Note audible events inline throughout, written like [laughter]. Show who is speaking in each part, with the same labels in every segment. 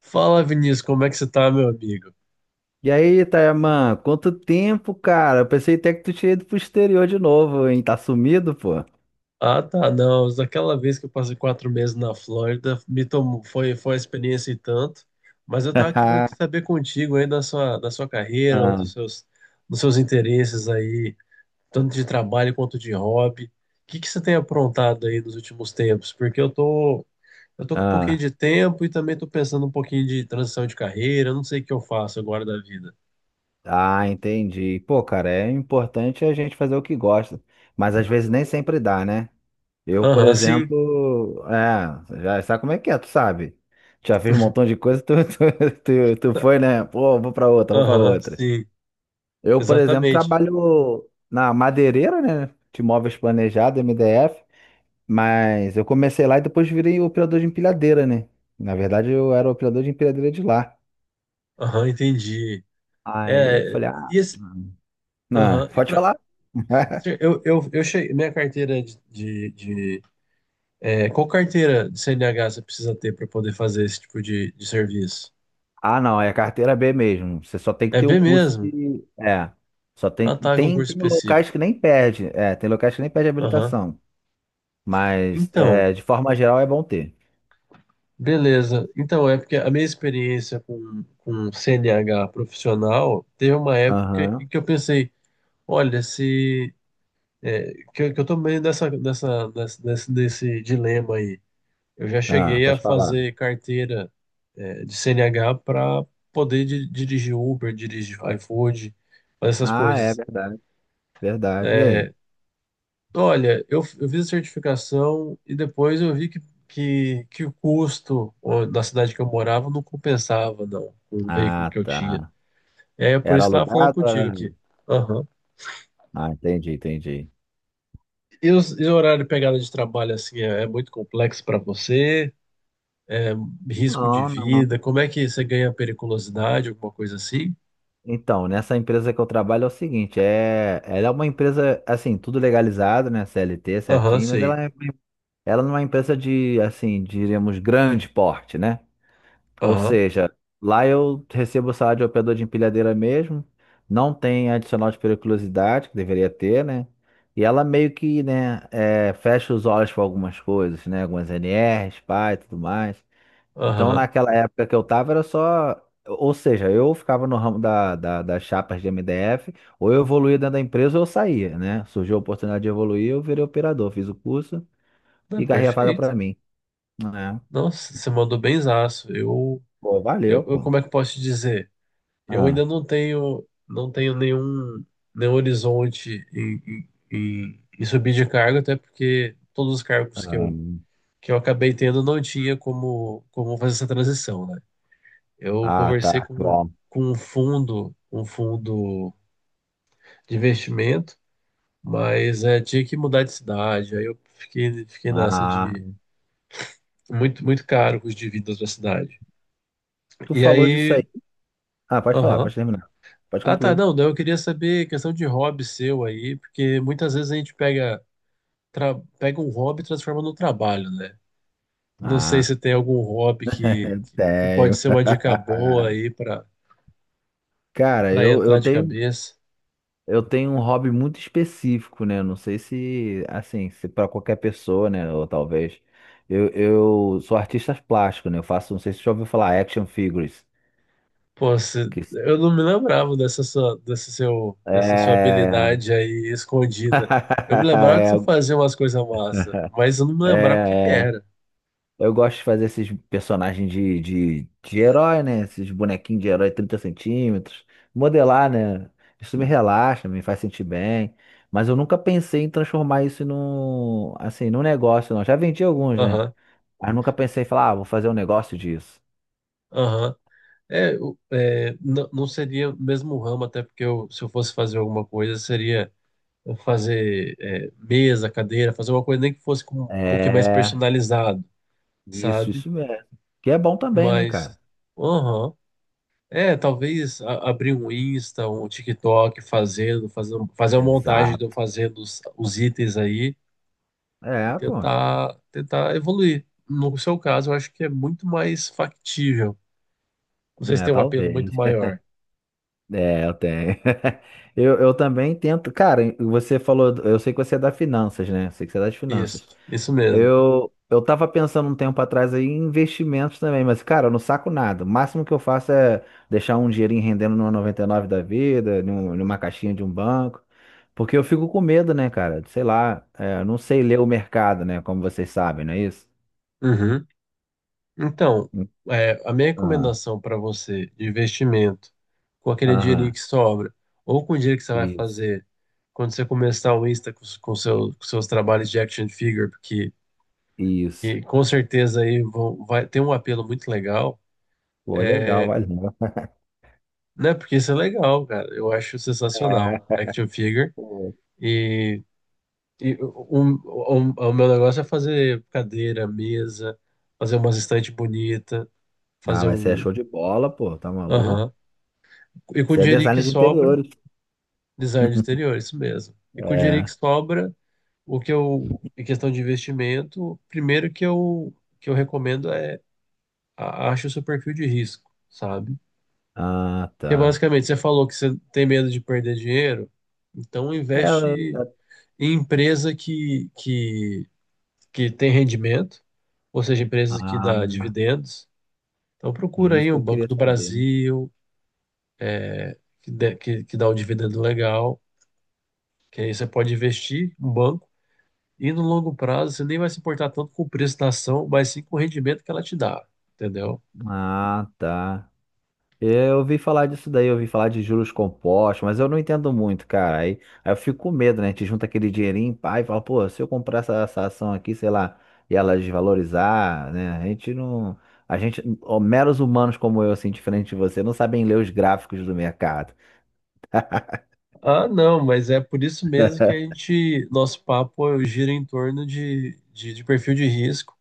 Speaker 1: Fala, Vinícius, como é que você tá, meu amigo?
Speaker 2: E aí, Tayaman, quanto tempo, cara? Eu pensei até que tu tinha ido pro exterior de novo, hein? Tá sumido, pô?
Speaker 1: Ah, tá, não. Daquela vez que eu passei quatro meses na Flórida, me tomou, foi uma experiência e tanto, mas eu
Speaker 2: [laughs]
Speaker 1: tava querendo
Speaker 2: Ah,
Speaker 1: aqui saber contigo aí da sua carreira, ou dos seus interesses aí, tanto de trabalho quanto de hobby. O que que você tem aprontado aí nos últimos tempos? Porque eu tô com um pouquinho
Speaker 2: ah,
Speaker 1: de tempo e também tô pensando um pouquinho de transição de carreira, eu não sei o que eu faço agora da vida.
Speaker 2: ah, entendi. Pô, cara, é importante a gente fazer o que gosta, mas às vezes nem sempre dá, né? Eu, por
Speaker 1: Aham, sim.
Speaker 2: exemplo, já sabe como é que é, tu sabe? Já fiz um montão
Speaker 1: [laughs]
Speaker 2: de coisa, tu, [laughs] tu foi, né? Pô, vou pra outra, vou pra
Speaker 1: Aham,
Speaker 2: outra.
Speaker 1: sim,
Speaker 2: Eu, por exemplo,
Speaker 1: exatamente.
Speaker 2: trabalho na madeireira, né? De móveis planejados, MDF. Mas eu comecei lá e depois virei operador de empilhadeira, né? Na verdade, eu era operador de empilhadeira de lá.
Speaker 1: Aham, entendi.
Speaker 2: Aí
Speaker 1: É,
Speaker 2: eu falei, ah.
Speaker 1: e esse,
Speaker 2: Ah,
Speaker 1: aham,
Speaker 2: pode falar?
Speaker 1: eu cheguei, minha carteira de- é, qual carteira de CNH você precisa ter para poder fazer esse tipo de serviço?
Speaker 2: Ah, não, é carteira B mesmo. Você só tem que
Speaker 1: É
Speaker 2: ter o
Speaker 1: B
Speaker 2: curso
Speaker 1: mesmo?
Speaker 2: de. É. Só tem,
Speaker 1: Ah, tá,
Speaker 2: tem,
Speaker 1: concurso
Speaker 2: tem locais
Speaker 1: específico.
Speaker 2: que nem perde. É, tem locais que nem perde
Speaker 1: Aham.
Speaker 2: habilitação. Mas,
Speaker 1: Então,
Speaker 2: de forma geral, é bom ter.
Speaker 1: beleza. Então, é porque a minha experiência com CNH profissional teve uma época
Speaker 2: Aham.
Speaker 1: em que eu pensei, olha, se, que eu tô meio nesse dilema aí. Eu já
Speaker 2: Ah,
Speaker 1: cheguei a
Speaker 2: pode falar.
Speaker 1: fazer carteira, de CNH para poder dirigir Uber, dirigir iFood, fazer essas
Speaker 2: Ah, é
Speaker 1: coisas.
Speaker 2: verdade, verdade. E aí?
Speaker 1: É, olha, eu fiz a certificação e depois eu vi que o custo, ó, da cidade que eu morava não compensava, não, com o veículo
Speaker 2: Ah,
Speaker 1: que eu tinha.
Speaker 2: tá.
Speaker 1: É por
Speaker 2: Era
Speaker 1: isso que eu estava falando
Speaker 2: alugado?
Speaker 1: contigo
Speaker 2: Era...
Speaker 1: aqui. Aham.
Speaker 2: Ah, entendi, entendi.
Speaker 1: E, e o horário de pegada de trabalho, assim, é muito complexo para você? Risco de
Speaker 2: Não, não.
Speaker 1: vida? Como é que você ganha periculosidade, alguma coisa assim?
Speaker 2: Então, nessa empresa que eu trabalho é o seguinte, ela é uma empresa, assim, tudo legalizado, né, CLT
Speaker 1: Aham,
Speaker 2: certinho, mas
Speaker 1: sei.
Speaker 2: ela ela não é uma empresa de, assim, diríamos, grande porte, né? Ou
Speaker 1: Aham,
Speaker 2: seja, lá eu recebo o salário de operador de empilhadeira mesmo, não tem adicional de periculosidade, que deveria ter, né? E ela meio que, né, fecha os olhos para algumas coisas, né, algumas NRs, PAI tudo mais. Então,
Speaker 1: aham.
Speaker 2: naquela época que eu tava, era só. Ou seja, eu ficava no ramo das chapas de MDF, ou eu evoluía dentro da empresa ou eu saía, né? Surgiu a oportunidade de evoluir, eu virei operador, fiz o curso
Speaker 1: Não,
Speaker 2: e garrei a vaga pra
Speaker 1: perfeito.
Speaker 2: mim. É.
Speaker 1: Nossa, você mandou benzaço.
Speaker 2: Pô, valeu, pô.
Speaker 1: Como é que eu posso te dizer? Eu ainda
Speaker 2: Ah,
Speaker 1: não tenho nenhum horizonte em subir de cargo, até porque todos os cargos que
Speaker 2: ah,
Speaker 1: eu, que eu acabei tendo não tinha como fazer essa transição, né? Eu
Speaker 2: ah,
Speaker 1: conversei
Speaker 2: tá.
Speaker 1: com,
Speaker 2: Bom.
Speaker 1: com um fundo de investimento, mas tinha que mudar de cidade. Aí eu fiquei nessa.
Speaker 2: Ah,
Speaker 1: Muito, muito caro os dividendos da cidade.
Speaker 2: tu
Speaker 1: E
Speaker 2: falou disso aí.
Speaker 1: aí.
Speaker 2: Ah, pode falar,
Speaker 1: Aham.
Speaker 2: pode terminar. Pode
Speaker 1: Ah, tá.
Speaker 2: concluir.
Speaker 1: Não, daí eu queria saber questão de hobby seu aí, porque muitas vezes a gente pega um hobby e transforma num trabalho, né? Não sei
Speaker 2: Ah,
Speaker 1: se tem algum hobby que pode
Speaker 2: tenho.
Speaker 1: ser uma
Speaker 2: [laughs]
Speaker 1: dica boa aí para
Speaker 2: Cara,
Speaker 1: para
Speaker 2: eu
Speaker 1: entrar de
Speaker 2: tenho.
Speaker 1: cabeça.
Speaker 2: Eu tenho um hobby muito específico, né? Não sei se, assim, se para qualquer pessoa, né? Ou talvez. Eu sou artista plástico, né? Eu faço, não sei se você já ouviu falar, action figures.
Speaker 1: Pô, se
Speaker 2: Que
Speaker 1: eu não me lembrava dessa sua
Speaker 2: é...
Speaker 1: habilidade aí escondida. Eu me lembrava que você
Speaker 2: [laughs]
Speaker 1: fazia umas coisas massa, mas eu não me
Speaker 2: é,
Speaker 1: lembrava o que que
Speaker 2: é, é.
Speaker 1: era.
Speaker 2: Eu gosto de fazer esses personagens de herói, né? Esses bonequinhos de herói 30 centímetros. Modelar, né? Isso me relaxa, me faz sentir bem. Mas eu nunca pensei em transformar isso num, assim, num negócio, não. Já vendi alguns, né?
Speaker 1: Aham,
Speaker 2: Mas nunca pensei em falar, ah, vou fazer um negócio disso.
Speaker 1: aham. Não seria o mesmo ramo, até porque eu, se eu fosse fazer alguma coisa, seria fazer, mesa, cadeira, fazer uma coisa nem que fosse com um pouquinho mais
Speaker 2: É,
Speaker 1: personalizado, sabe?
Speaker 2: isso mesmo. Que é bom também, né, cara?
Speaker 1: Mas, aham. É, talvez abrir um Insta, um TikTok fazendo, fazer uma montagem de eu
Speaker 2: Exato.
Speaker 1: fazendo os itens aí e
Speaker 2: É, pô.
Speaker 1: tentar evoluir. No seu caso, eu acho que é muito mais factível. Vocês
Speaker 2: É,
Speaker 1: têm um apelo muito
Speaker 2: talvez. [laughs]
Speaker 1: maior.
Speaker 2: É, eu tenho. [laughs] Eu também tento. Cara, você falou, eu sei que você é da finanças, né? Eu sei que você é das
Speaker 1: Isso,
Speaker 2: finanças.
Speaker 1: isso mesmo.
Speaker 2: Eu tava pensando um tempo atrás aí em investimentos também, mas, cara, eu não saco nada. O máximo que eu faço é deixar um dinheirinho rendendo numa 99 da vida, numa caixinha de um banco. Porque eu fico com medo, né, cara? Sei lá, eu não sei ler o mercado, né? Como vocês sabem, não é isso?
Speaker 1: Uhum. Então,
Speaker 2: Hum.
Speaker 1: a minha
Speaker 2: Ah,
Speaker 1: recomendação para você de investimento, com aquele dinheirinho
Speaker 2: aham,
Speaker 1: que sobra, ou com o dinheiro que você vai
Speaker 2: isso,
Speaker 1: fazer quando você começar o Insta com seus trabalhos de action figure, porque
Speaker 2: isso.
Speaker 1: que com certeza aí vai ter um apelo muito legal,
Speaker 2: Pô, legal, valeu.
Speaker 1: né? Porque isso é legal, cara. Eu acho
Speaker 2: É,
Speaker 1: sensacional, action figure.
Speaker 2: pô.
Speaker 1: E, e o meu negócio é fazer cadeira, mesa, fazer umas estantes bonitas,
Speaker 2: Ah,
Speaker 1: fazer
Speaker 2: mas você é
Speaker 1: um.
Speaker 2: show de bola, pô, tá maluco?
Speaker 1: Aham. E com o
Speaker 2: Você é
Speaker 1: dinheirinho que
Speaker 2: designer de
Speaker 1: sobra.
Speaker 2: interiores.
Speaker 1: Design de
Speaker 2: [laughs]
Speaker 1: interior, isso mesmo. E com o dinheiro que
Speaker 2: É.
Speaker 1: sobra, o que eu, em questão de investimento, primeiro que eu recomendo é acho o seu perfil de risco, sabe?
Speaker 2: Ah,
Speaker 1: Que é
Speaker 2: tá.
Speaker 1: basicamente, você falou que você tem medo de perder dinheiro, então
Speaker 2: É.
Speaker 1: investe em empresa que tem rendimento, ou seja, empresas que
Speaker 2: Ah,
Speaker 1: dá dividendos. Então procura
Speaker 2: isso
Speaker 1: aí
Speaker 2: que
Speaker 1: o
Speaker 2: eu
Speaker 1: Banco
Speaker 2: queria
Speaker 1: do
Speaker 2: saber.
Speaker 1: Brasil, que dá um dividendo legal, que aí você pode investir no banco. E no longo prazo, você nem vai se importar tanto com o preço da ação, mas sim com o rendimento que ela te dá, entendeu?
Speaker 2: Ah, tá. Eu ouvi falar disso daí, eu ouvi falar de juros compostos, mas eu não entendo muito, cara. Aí eu fico com medo, né? A gente junta aquele dinheirinho, pai, e fala, pô, se eu comprar essa ação aqui, sei lá, e ela desvalorizar, né? A gente não. A gente, ó, meros humanos como eu, assim, diferente de você, não sabem ler os gráficos do mercado.
Speaker 1: Ah, não, mas é por isso mesmo que nosso papo gira em torno de perfil de risco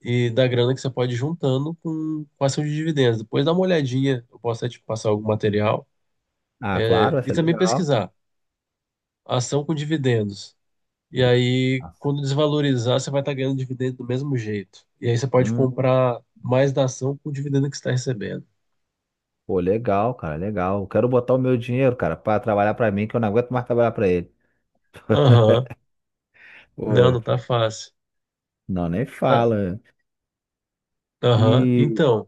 Speaker 1: e da grana que você pode ir juntando com ação de dividendos. Depois dá uma olhadinha, eu posso até te passar algum material,
Speaker 2: Ah, claro,
Speaker 1: né? E
Speaker 2: essa é
Speaker 1: também
Speaker 2: legal.
Speaker 1: pesquisar ação com dividendos. E aí, quando desvalorizar, você vai estar ganhando dividendo do mesmo jeito. E aí você pode
Speaker 2: Hum,
Speaker 1: comprar mais da ação com o dividendo que você está recebendo.
Speaker 2: pô, legal, cara, legal. Quero botar o meu dinheiro, cara, pra trabalhar pra mim, que eu não aguento mais trabalhar pra ele.
Speaker 1: Aham. Não,
Speaker 2: Pô.
Speaker 1: não tá fácil.
Speaker 2: Não, nem
Speaker 1: Tá.
Speaker 2: fala.
Speaker 1: Aham,
Speaker 2: E
Speaker 1: então,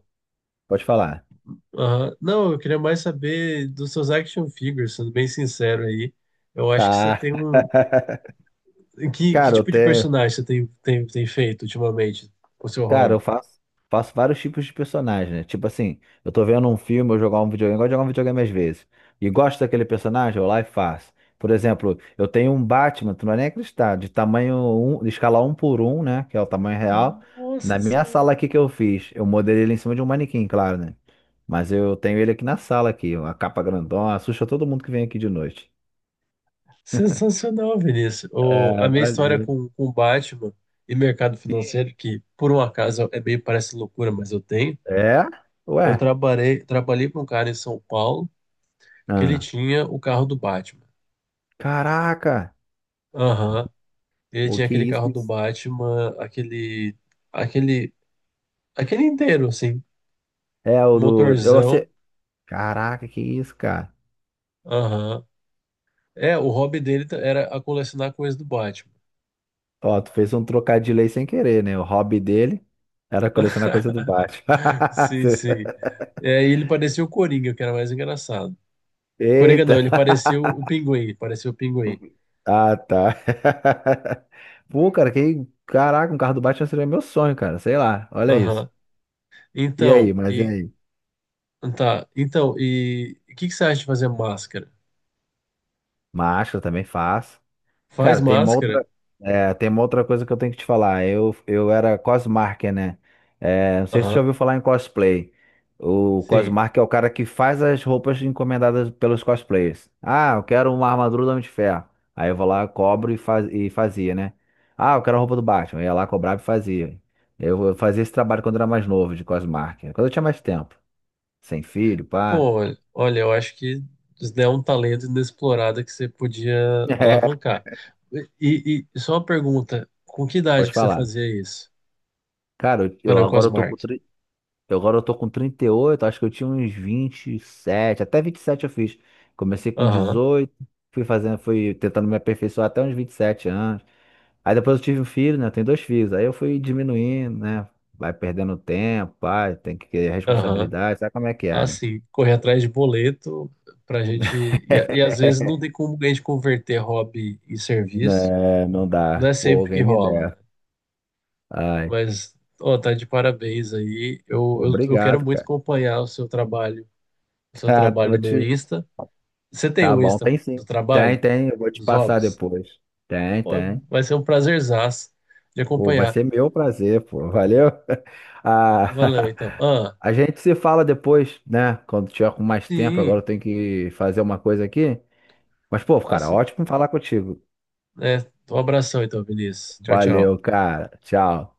Speaker 2: pode falar.
Speaker 1: aham. Não, eu queria mais saber dos seus action figures, sendo bem sincero aí. Eu acho que você
Speaker 2: Tá.
Speaker 1: tem um.
Speaker 2: [laughs]
Speaker 1: Que
Speaker 2: Cara, eu
Speaker 1: tipo de
Speaker 2: até,
Speaker 1: personagem você tem feito ultimamente com o seu
Speaker 2: cara, eu
Speaker 1: hobby?
Speaker 2: faço, faço vários tipos de personagem, né? Tipo assim, eu tô vendo um filme, eu jogar um videogame, eu gosto de jogar um videogame às vezes. E gosto daquele personagem, eu vou lá e faço. Por exemplo, eu tenho um Batman, tu não vai nem acreditar, de tamanho um, de escala um por um, né? Que é o tamanho real. Na
Speaker 1: Nossa
Speaker 2: minha
Speaker 1: senhora!
Speaker 2: sala aqui que eu fiz, eu modelei ele em cima de um manequim, claro, né? Mas eu tenho ele aqui na sala aqui, uma capa grandona, assusta todo mundo que vem aqui de noite.
Speaker 1: Sensacional, Vinícius. A
Speaker 2: É,
Speaker 1: minha história
Speaker 2: valeu.
Speaker 1: com Batman e mercado
Speaker 2: Sim.
Speaker 1: financeiro, que por um acaso é meio parece loucura, mas eu tenho.
Speaker 2: É?
Speaker 1: Eu
Speaker 2: Ué.
Speaker 1: trabalhei, trabalhei para um cara em São Paulo que ele
Speaker 2: Ah.
Speaker 1: tinha o carro do Batman.
Speaker 2: Caraca.
Speaker 1: Aham. Ele
Speaker 2: Pô,
Speaker 1: tinha
Speaker 2: que
Speaker 1: aquele
Speaker 2: isso?
Speaker 1: carro
Speaker 2: Que
Speaker 1: do
Speaker 2: isso?
Speaker 1: Batman, aquele, aquele inteiro, assim,
Speaker 2: É, o do. Eu,
Speaker 1: motorzão.
Speaker 2: você... Caraca, que isso, cara.
Speaker 1: Aham. É, o hobby dele era a colecionar coisas do Batman.
Speaker 2: Ó, tu fez um trocadilho aí sem querer, né? O hobby dele era colecionar coisa do
Speaker 1: [laughs]
Speaker 2: baixo.
Speaker 1: Sim, sim.
Speaker 2: [laughs]
Speaker 1: É, e ele parecia o Coringa, que era mais engraçado. Coringa
Speaker 2: Eita.
Speaker 1: não, ele parecia o Pinguim, ele parecia o Pinguim.
Speaker 2: Ah, tá. [laughs] Pô, cara, que. Caraca, um carro do Batman seria meu sonho, cara. Sei lá, olha isso.
Speaker 1: Aham.
Speaker 2: E
Speaker 1: Então,
Speaker 2: aí, mas e
Speaker 1: e
Speaker 2: aí?
Speaker 1: tá, então, e o que que você acha de fazer máscara?
Speaker 2: Macho, eu também faço.
Speaker 1: Faz
Speaker 2: Cara, tem uma
Speaker 1: máscara?
Speaker 2: outra, tem uma outra coisa que eu tenho que te falar. Eu era cosmarker, né? Não sei se você já
Speaker 1: Aham.
Speaker 2: ouviu falar em cosplay. O
Speaker 1: Sim.
Speaker 2: cosmarker é o cara que faz as roupas encomendadas pelos cosplayers. Ah, eu quero uma armadura do Homem de Ferro. Aí eu vou lá, cobro e, faz, e fazia, né? Ah, eu quero a roupa do Batman. Eu ia lá, cobrava e fazia. Eu fazia esse trabalho quando era mais novo, de cosmarker. Quando eu tinha mais tempo. Sem filho, pá.
Speaker 1: Pô, olha, eu acho que isso daí é um talento inexplorado que você podia
Speaker 2: [laughs] É.
Speaker 1: alavancar. E só uma pergunta, com que idade
Speaker 2: Pode
Speaker 1: que você
Speaker 2: falar.
Speaker 1: fazia isso?
Speaker 2: Cara,
Speaker 1: Valeu,
Speaker 2: agora eu tô com.
Speaker 1: Cosmark.
Speaker 2: Eu agora eu tô com 38, acho que eu tinha uns 27, até 27 eu fiz. Comecei com
Speaker 1: Aham,
Speaker 2: 18, fui fazendo, fui tentando me aperfeiçoar até uns 27 anos. Aí depois eu tive um filho, né? Eu tenho dois filhos. Aí eu fui diminuindo, né? Vai perdendo tempo, pai, tem que ter
Speaker 1: aham.
Speaker 2: responsabilidade, sabe como é que
Speaker 1: Ah,
Speaker 2: é, né?
Speaker 1: sim, correr atrás de boleto pra gente... E
Speaker 2: [laughs]
Speaker 1: às vezes não tem como a gente converter hobby em serviço.
Speaker 2: Né, não
Speaker 1: Não
Speaker 2: dá.
Speaker 1: é
Speaker 2: Pô,
Speaker 1: sempre que
Speaker 2: alguém me
Speaker 1: rola, né?
Speaker 2: der. Ai,
Speaker 1: Mas, ó, tá de parabéns aí. Eu quero
Speaker 2: obrigado,
Speaker 1: muito
Speaker 2: cara.
Speaker 1: acompanhar o
Speaker 2: [laughs]
Speaker 1: seu
Speaker 2: Tá,
Speaker 1: trabalho
Speaker 2: vou
Speaker 1: no
Speaker 2: te...
Speaker 1: Insta. Você tem
Speaker 2: Tá
Speaker 1: o
Speaker 2: bom,
Speaker 1: Insta
Speaker 2: tem sim.
Speaker 1: do
Speaker 2: Tem,
Speaker 1: trabalho,
Speaker 2: tem, eu vou te
Speaker 1: dos
Speaker 2: passar
Speaker 1: hobbies?
Speaker 2: depois. Tem,
Speaker 1: Pô,
Speaker 2: tem.
Speaker 1: vai ser um prazerzaço de
Speaker 2: Pô, vai
Speaker 1: acompanhar.
Speaker 2: ser meu prazer, pô. Valeu. [laughs]
Speaker 1: Valeu, então.
Speaker 2: A,
Speaker 1: Ah,
Speaker 2: [laughs] a gente se fala depois, né? Quando tiver com mais tempo, agora
Speaker 1: sim.
Speaker 2: eu tenho que fazer uma coisa aqui. Mas, pô,
Speaker 1: Ah,
Speaker 2: cara,
Speaker 1: sim.
Speaker 2: ótimo falar contigo.
Speaker 1: É, um abração, então, Vinícius. Tchau, tchau.
Speaker 2: Valeu, cara. Tchau.